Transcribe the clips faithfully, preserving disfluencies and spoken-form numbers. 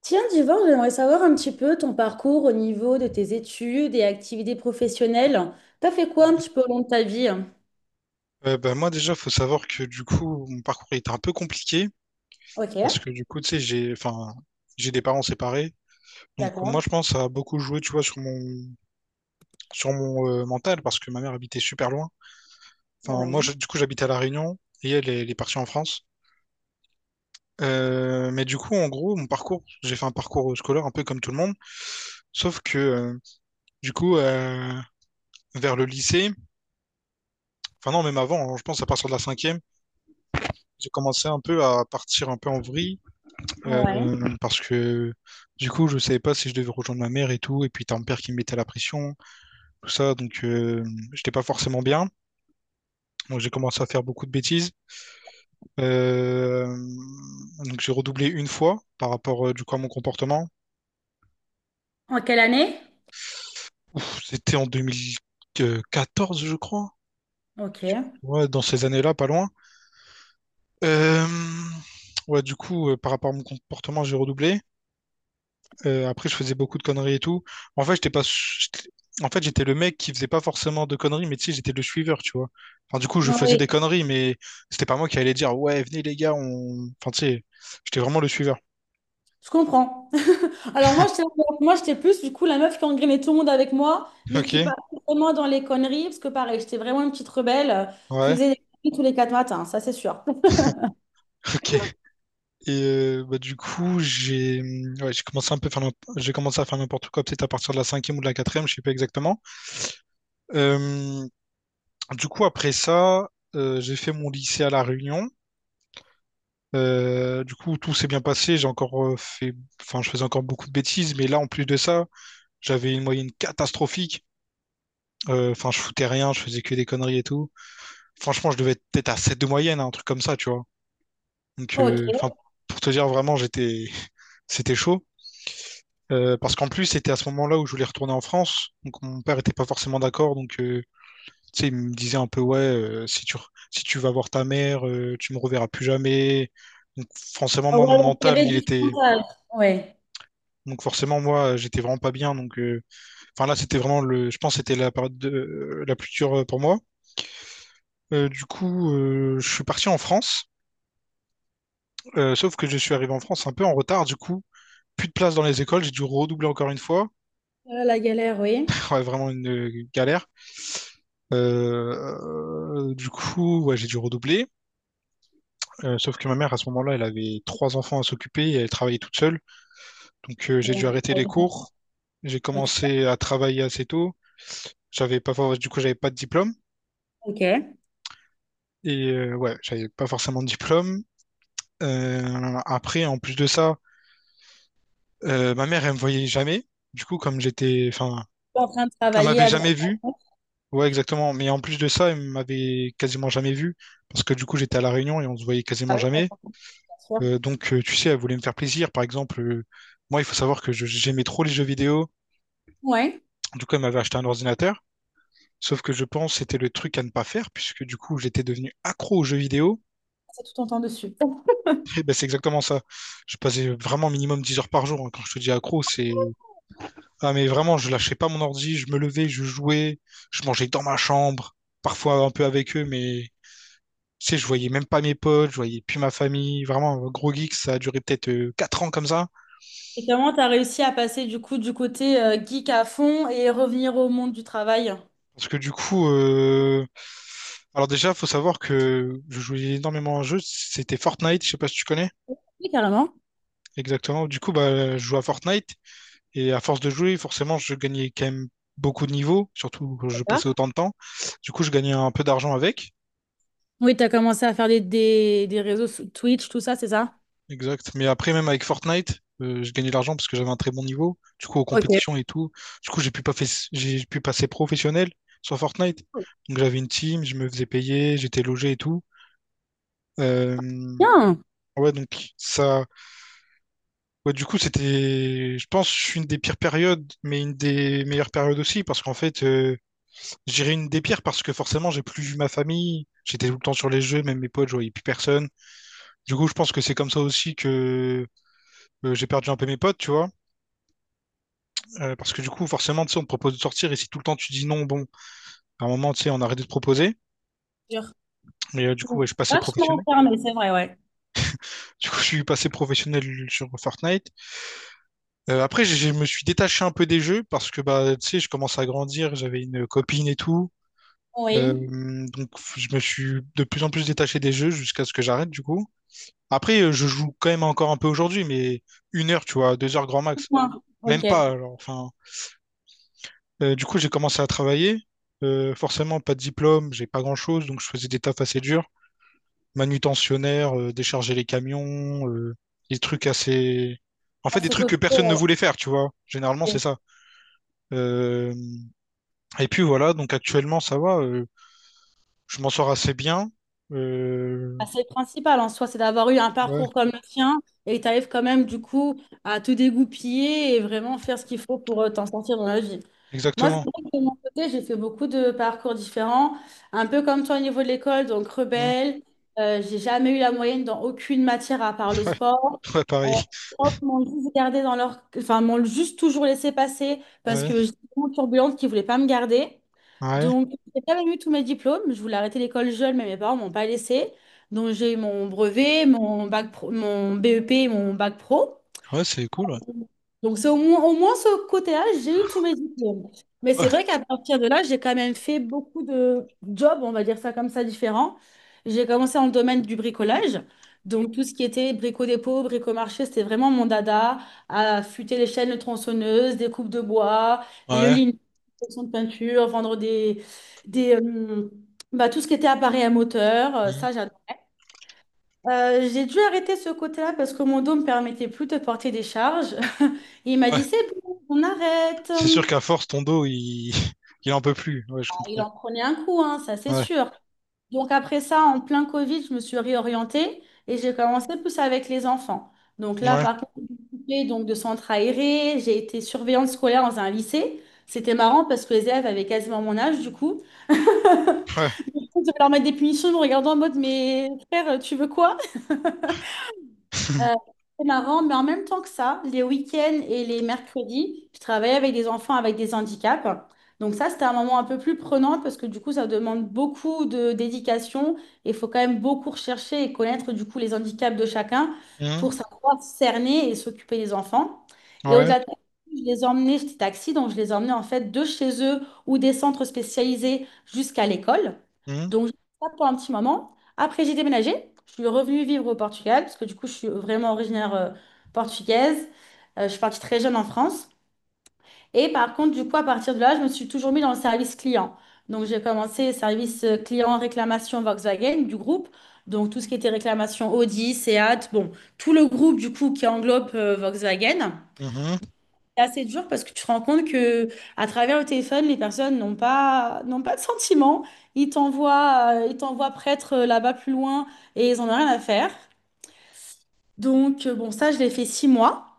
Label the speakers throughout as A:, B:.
A: Tiens, Divor, j'aimerais savoir un petit peu ton parcours au niveau de tes études et activités professionnelles. T'as fait quoi
B: Ouais.
A: un petit peu au long de ta vie?
B: Euh, bah, moi déjà, faut savoir que du coup, mon parcours était un peu compliqué
A: Ok,
B: parce que du coup, tu sais, j'ai, enfin, j'ai des parents séparés. Donc moi,
A: d'accord.
B: je pense que ça a beaucoup joué, tu vois, sur mon, sur mon euh, mental parce que ma mère habitait super loin. Enfin, moi,
A: Ouais.
B: je- du coup, j'habitais à La Réunion et elle, elle est partie en France. Euh, mais du coup, en gros, mon parcours, j'ai fait un parcours scolaire un peu comme tout le monde. Sauf que, euh, du coup, euh, vers le lycée, enfin non, même avant, hein, je pense à partir de la cinquième, j'ai commencé un peu à partir un peu en vrille.
A: Ouais.
B: Euh, parce que, du coup, je savais pas si je devais rejoindre ma mère et tout. Et puis, t'as mon père qui me mettait la pression, tout ça. Donc, euh, j'étais pas forcément bien. Donc, j'ai commencé à faire beaucoup de bêtises. Euh, donc, j'ai redoublé une fois par rapport, euh, du coup, à mon comportement.
A: En quelle année?
B: Ouf, c'était en deux mille quatorze, je crois.
A: Ok.
B: Ouais, dans ces années-là, pas loin. Euh, Ouais, du coup, euh, par rapport à mon comportement, j'ai redoublé. Euh, après, je faisais beaucoup de conneries et tout. En fait, j'étais pas... su- j'étais- En fait, j'étais le mec qui faisait pas forcément de conneries, mais tu sais, j'étais le suiveur, tu vois. Enfin, du coup, je faisais
A: Oui,
B: des conneries, mais c'était pas moi qui allais dire, ouais, venez les gars, on... Enfin, tu sais, j'étais vraiment le suiveur.
A: je comprends. Alors moi, j'étais moi, j'étais plus du coup la meuf qui engrainait tout le monde avec moi, mais qui
B: Ok,
A: partait vraiment dans les conneries, parce que pareil, j'étais vraiment une petite rebelle euh, qui
B: ouais,
A: faisait des conneries tous les quatre matins, ça c'est sûr.
B: ok. Et euh, bah, du coup, j'ai mm, ouais, j'ai commencé un peu à faire n'im- j'ai commencé à faire n'importe quoi, peut-être à partir de la cinquième ou de la quatrième, je sais pas exactement. Euh, du coup, après ça, euh, j'ai fait mon lycée à La Réunion. Euh, du coup, tout s'est bien passé. J'ai encore euh, fait, enfin, je faisais encore beaucoup de bêtises, mais là, en plus de ça, j'avais une moyenne catastrophique. Euh, Enfin, je foutais rien, je faisais que des conneries et tout. Franchement, je devais être peut-être à sept de moyenne, hein, un truc comme ça, tu vois. Donc,
A: Ok.
B: euh, enfin, pour te dire vraiment, j'étais, c'était chaud. Euh, parce qu'en plus, c'était à ce moment-là où je voulais retourner en France. Donc mon père était pas forcément d'accord. Donc euh, tu sais, il me disait un peu, ouais, euh, si tu, re- si tu vas voir ta mère, euh, tu me reverras plus jamais. Donc forcément, moi, mon
A: Ouais, donc il y
B: mental,
A: avait
B: il
A: du
B: était...
A: frontal. Ouais.
B: Donc forcément, moi, j'étais vraiment pas bien. Donc euh, enfin là, c'était vraiment le... Je pense que c'était la période de- euh, la plus dure euh, pour moi. Euh, du coup, euh, je suis parti en France. Euh, sauf que je suis arrivé en France un peu en retard. Du coup, plus de place dans les écoles. J'ai dû redoubler encore une fois.
A: Euh, la galère, oui.
B: Ouais, vraiment une euh, galère. Euh, du coup, ouais, j'ai dû redoubler. Euh, sauf que ma mère, à ce moment-là, elle avait trois enfants à s'occuper et elle travaillait toute seule. Donc, euh, j'ai dû arrêter les
A: Ouais.
B: cours. J'ai
A: OK.
B: commencé à travailler assez tôt. J'avais pas, for- Du coup, j'avais pas de diplôme.
A: OK.
B: Et euh, ouais, j'avais pas forcément de diplôme. Euh, après, en plus de ça, euh, ma mère, elle me voyait jamais. Du coup, comme j'étais, enfin,
A: En train de
B: elle
A: travailler
B: m'avait
A: à droite
B: jamais
A: à
B: vu.
A: gauche.
B: Ouais, exactement. Mais en plus de ça, il m'avait quasiment jamais vu parce que du coup, j'étais à La Réunion et on se voyait
A: Ah
B: quasiment
A: oui,
B: jamais.
A: d'accord, bien sûr.
B: Euh, donc, euh, tu sais, elle voulait me faire plaisir. Par exemple, euh, moi, il faut savoir que je- j'aimais trop les jeux vidéo.
A: Ouais.
B: Du coup, elle m'avait acheté un ordinateur. Sauf que je pense que c'était le truc à ne pas faire puisque du coup, j'étais devenu accro aux jeux vidéo.
A: C'est tout ton temps dessus.
B: Et ben, c'est exactement ça. Je passais vraiment minimum dix heures par jour, hein. Quand je te dis accro, c'est... Ah, mais vraiment, je lâchais pas mon ordi. Je me levais, je jouais, je mangeais dans ma chambre, parfois un peu avec eux, mais tu sais, je voyais même pas mes potes, je voyais plus ma famille. Vraiment, un gros geek, ça a duré peut-être euh, quatre ans comme ça.
A: Et comment tu as réussi à passer du coup du côté euh, geek à fond et revenir au monde du travail?
B: Parce que du coup, euh... alors déjà, faut savoir que je jouais énormément à un jeu. C'était Fortnite, je sais pas si tu connais
A: Oui, carrément.
B: exactement. Du coup, bah, je jouais à Fortnite et à force de jouer, forcément, je gagnais quand même beaucoup de niveaux, surtout quand je passais
A: D'accord.
B: autant de temps. Du coup, je gagnais un peu d'argent avec.
A: Oui, tu as commencé à faire des, des, des réseaux sous- Twitch, tout ça, c'est ça?
B: Exact. Mais après, même avec Fortnite, euh, je gagnais de l'argent parce que j'avais un très bon niveau. Du coup, aux
A: Ok.
B: compétitions et tout. Du coup, j'ai pu pas fait... j'ai pu passer professionnel sur Fortnite. Donc, j'avais une team, je me faisais payer, j'étais logé et tout. Euh,
A: Bien.
B: Ouais, donc ça. Ouais, du coup, c'était, je pense, une des pires périodes, mais une des meilleures périodes aussi, parce qu'en fait, euh, je dirais une des pires parce que forcément, j'ai plus vu ma famille. J'étais tout le temps sur les jeux, même mes potes, je voyais plus personne. Du coup, je pense que c'est comme ça aussi que euh, j'ai perdu un peu mes potes, tu vois. Euh, parce que du coup, forcément, tu sais, on te propose de sortir et si tout le temps tu dis non, bon, à un moment, tu sais, on arrête de te proposer.
A: Dur.
B: Mais euh, du coup, ouais, je suis passé
A: Vachement
B: professionnel.
A: fermé, c'est vrai, ouais.
B: Du coup, je suis passé professionnel sur Fortnite. Euh, après, je je me suis détaché un peu des jeux parce que, bah, tu sais, je commence à grandir, j'avais une copine et tout. Euh,
A: Oui.
B: donc, je me suis de plus en plus détaché des jeux jusqu'à ce que j'arrête, du coup. Après, euh, je joue quand même encore un peu aujourd'hui, mais une heure, tu vois, deux heures grand max.
A: Point. Ok.
B: Même pas, alors, enfin, Euh, du coup, j'ai commencé à travailler. Euh, forcément, pas de diplôme, j'ai pas grand-chose, donc je faisais des tafs assez durs. Manutentionnaire, euh, décharger les camions, euh, des trucs assez... En fait, des
A: Assez
B: trucs que personne ne
A: costaud.
B: voulait faire, tu vois. Généralement, c'est ça. Euh, Et puis voilà, donc actuellement, ça va. Euh, je m'en sors assez bien. Euh,
A: Bah, c'est le principal en soi, c'est d'avoir eu un
B: Ouais,
A: parcours comme le tien et tu arrives quand même du coup à te dégoupiller et vraiment faire ce qu'il faut pour euh, t'en sortir dans la vie. Moi, c'est
B: exactement.
A: vrai que de mon côté, j'ai fait beaucoup de parcours différents, un peu comme toi au niveau de l'école, donc
B: Mm.
A: rebelle. Euh, j'ai jamais eu la moyenne dans aucune matière à part le
B: Ouais,
A: sport.
B: ouais,
A: Euh,
B: pareil.
A: les profs m'ont juste gardé dans leur... enfin, m'ont juste toujours laissé passer parce que
B: Ouais,
A: j'étais vraiment turbulente qui ne voulait pas me garder.
B: ouais.
A: Donc, j'ai pas même eu tous mes diplômes. Je voulais arrêter l'école jeune, mais mes parents m'ont pas laissé. Donc, j'ai eu mon brevet, mon bac pro- mon B E P et mon bac pro.
B: Ouais, c'est cool.
A: Donc, c'est au moins, au moins ce côté-là, j'ai eu tous mes diplômes. Mais
B: Ouais, ouais.
A: c'est vrai qu'à partir de là, j'ai quand même fait beaucoup de jobs, on va dire ça comme ça, différents. J'ai commencé dans le domaine du bricolage. Donc, tout ce qui était brico-dépôt, brico-marché, c'était vraiment mon dada. Affûter les chaînes, de tronçonneuses, des coupes de bois, le
B: Ouais.
A: lin, de peinture, vendre des, des, euh, bah, tout ce qui était appareil à moteur. euh,
B: Mm.
A: Ça, j'adore. Euh, j'ai dû arrêter ce côté-là parce que mon dos me permettait plus de porter des charges. Et il m'a dit,
B: Ouais.
A: c'est bon, on arrête.
B: C'est sûr qu'à force, ton dos, il... il en peut plus. Ouais, je
A: Ah, il
B: comprends.
A: en prenait un coup, hein, ça c'est
B: Ouais.
A: sûr. Donc après ça, en plein Covid, je me suis réorientée et j'ai commencé plus avec les enfants. Donc là,
B: Ouais.
A: par contre, j'ai occupé, donc de centre aéré, j'ai été surveillante scolaire dans un lycée. C'était marrant parce que les élèves avaient quasiment mon âge du coup.
B: Ouais.
A: Je leur mettre des punitions en me regardant en mode, mais frère, tu veux quoi? Euh, c'est marrant, mais en même temps que ça, les week-ends et les mercredis, je travaillais avec des enfants avec des handicaps. Donc ça, c'était un moment un peu plus prenant parce que du coup, ça demande beaucoup de dédication et il faut quand même beaucoup rechercher et connaître du coup les handicaps de chacun
B: Mhm.
A: pour savoir cerner et s'occuper des enfants. Et
B: Ouais.
A: au-delà de ça, je les emmenais, j'étais taxi, donc je les emmenais en fait de chez eux ou des centres spécialisés jusqu'à l'école.
B: Mhm.
A: Donc, j'ai fait ça pour un petit moment. Après, j'ai déménagé. Je suis revenue vivre au Portugal parce que du coup, je suis vraiment originaire euh, portugaise. Euh, je suis partie très jeune en France. Et par contre, du coup, à partir de là, je me suis toujours mis dans le service client. Donc, j'ai commencé service euh, client réclamation Volkswagen du groupe. Donc, tout ce qui était réclamation Audi, Seat, bon, tout le groupe du coup qui englobe euh, Volkswagen.
B: Mhm.
A: C'est assez dur parce que tu te rends compte que à travers le téléphone, les personnes n'ont pas n'ont pas de sentiments. Ils t'envoient euh, ils t'envoient prêtre euh, là-bas plus loin et ils en ont rien à faire. Donc euh, bon, ça je l'ai fait six mois.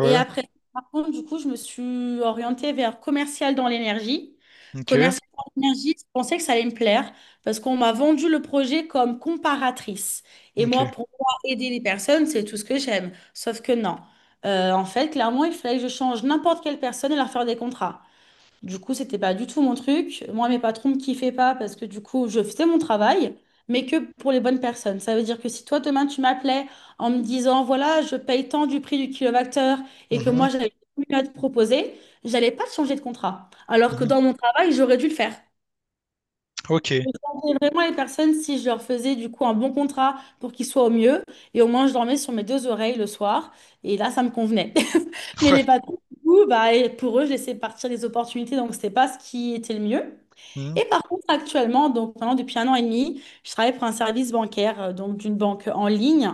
A: Et après, par contre, du coup, je me suis orientée vers commercial dans l'énergie.
B: Ok.
A: Commercial dans l'énergie, je pensais que ça allait me plaire parce qu'on m'a vendu le projet comme comparatrice. Et moi,
B: Ok.
A: pour moi, aider les personnes, c'est tout ce que j'aime. Sauf que non. Euh, en fait, clairement, il fallait que je change n'importe quelle personne et leur faire des contrats. Du coup, c'était pas du tout mon truc. Moi, mes patrons me kiffaient pas parce que du coup, je faisais mon travail, mais que pour les bonnes personnes. Ça veut dire que si toi, demain, tu m'appelais en me disant, voilà, je paye tant du prix du kilowattheure et que
B: Mhm.
A: moi, j'avais mieux à te proposer, j'allais pas te changer de contrat. Alors que
B: Mhm.
A: dans mon travail, j'aurais dû le faire.
B: Ok.
A: Je changerais vraiment les personnes si je leur faisais du coup un bon contrat pour qu'ils soient au mieux. Et au moins, je dormais sur mes deux oreilles le soir. Et là, ça me convenait. Mais
B: Ouais.
A: les patrons, du coup, bah, et pour eux, je laissais partir les opportunités. Donc, c'était pas ce qui était le mieux.
B: Mhm.
A: Et par contre, actuellement, donc maintenant, depuis un an et demi, je travaille pour un service bancaire, euh, donc d'une banque en ligne,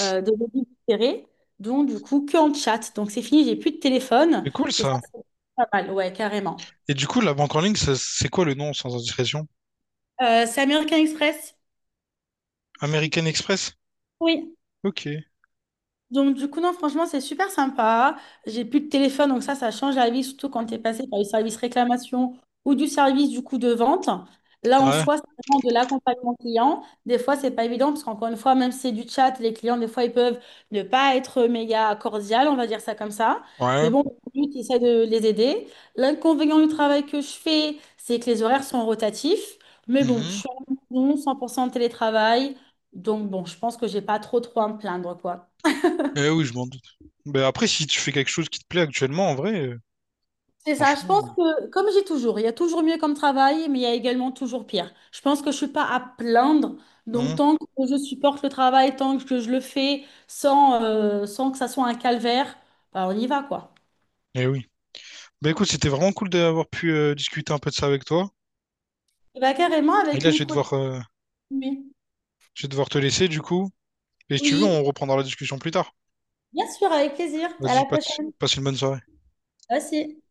A: euh, de débit différé. Donc, du coup, que en chat. Donc, c'est fini, j'ai plus de téléphone.
B: C'est cool
A: Et ça,
B: ça.
A: c'est pas mal. Ouais, carrément.
B: Et du coup, la banque en ligne, ça- c'est quoi le nom sans indiscrétion?
A: Euh, c'est American Express?
B: American Express?
A: Oui.
B: Ok.
A: Donc, du coup, non, franchement, c'est super sympa. J'ai plus de téléphone, donc ça, ça change la vie, surtout quand tu es passé par le service réclamation ou du service, du coup, de vente. Là, en
B: Ouais.
A: soi, c'est vraiment de l'accompagnement client. Des fois, c'est pas évident parce qu'encore une fois, même si c'est du chat, les clients, des fois, ils peuvent ne pas être méga cordial, on va dire ça comme ça.
B: Ouais.
A: Mais bon, lui, tu essaies de les aider. L'inconvénient du travail que je fais, c'est que les horaires sont rotatifs. Mais bon, je
B: Mhm.
A: suis en maison, cent pour cent en télétravail. Donc, bon, je pense que j'ai pas trop, trop à me plaindre, quoi.
B: Eh oui, je m'en doute. Ben après, si tu fais quelque chose qui te plaît actuellement, en vrai, euh,
A: C'est ça, je pense
B: franchement.
A: que, comme j'ai toujours, il y a toujours mieux comme travail, mais il y a également toujours pire. Je pense que je suis pas à plaindre, donc
B: Mhm.
A: tant que je supporte le travail, tant que je le fais sans, euh, sans que ça soit un calvaire, bah, on y va, quoi.
B: Eh oui. Ben écoute, c'était vraiment cool d'avoir pu euh, discuter un peu de ça avec toi.
A: Bah, carrément
B: Et
A: avec
B: là, je
A: une
B: vais
A: prochaine.
B: devoir, euh,
A: Nuit.
B: je vais devoir te laisser du coup. Et si tu veux,
A: Oui,
B: on reprendra la discussion plus tard.
A: bien sûr, avec plaisir. À
B: Vas-y,
A: la
B: passe
A: prochaine.
B: passe une bonne soirée.
A: Merci.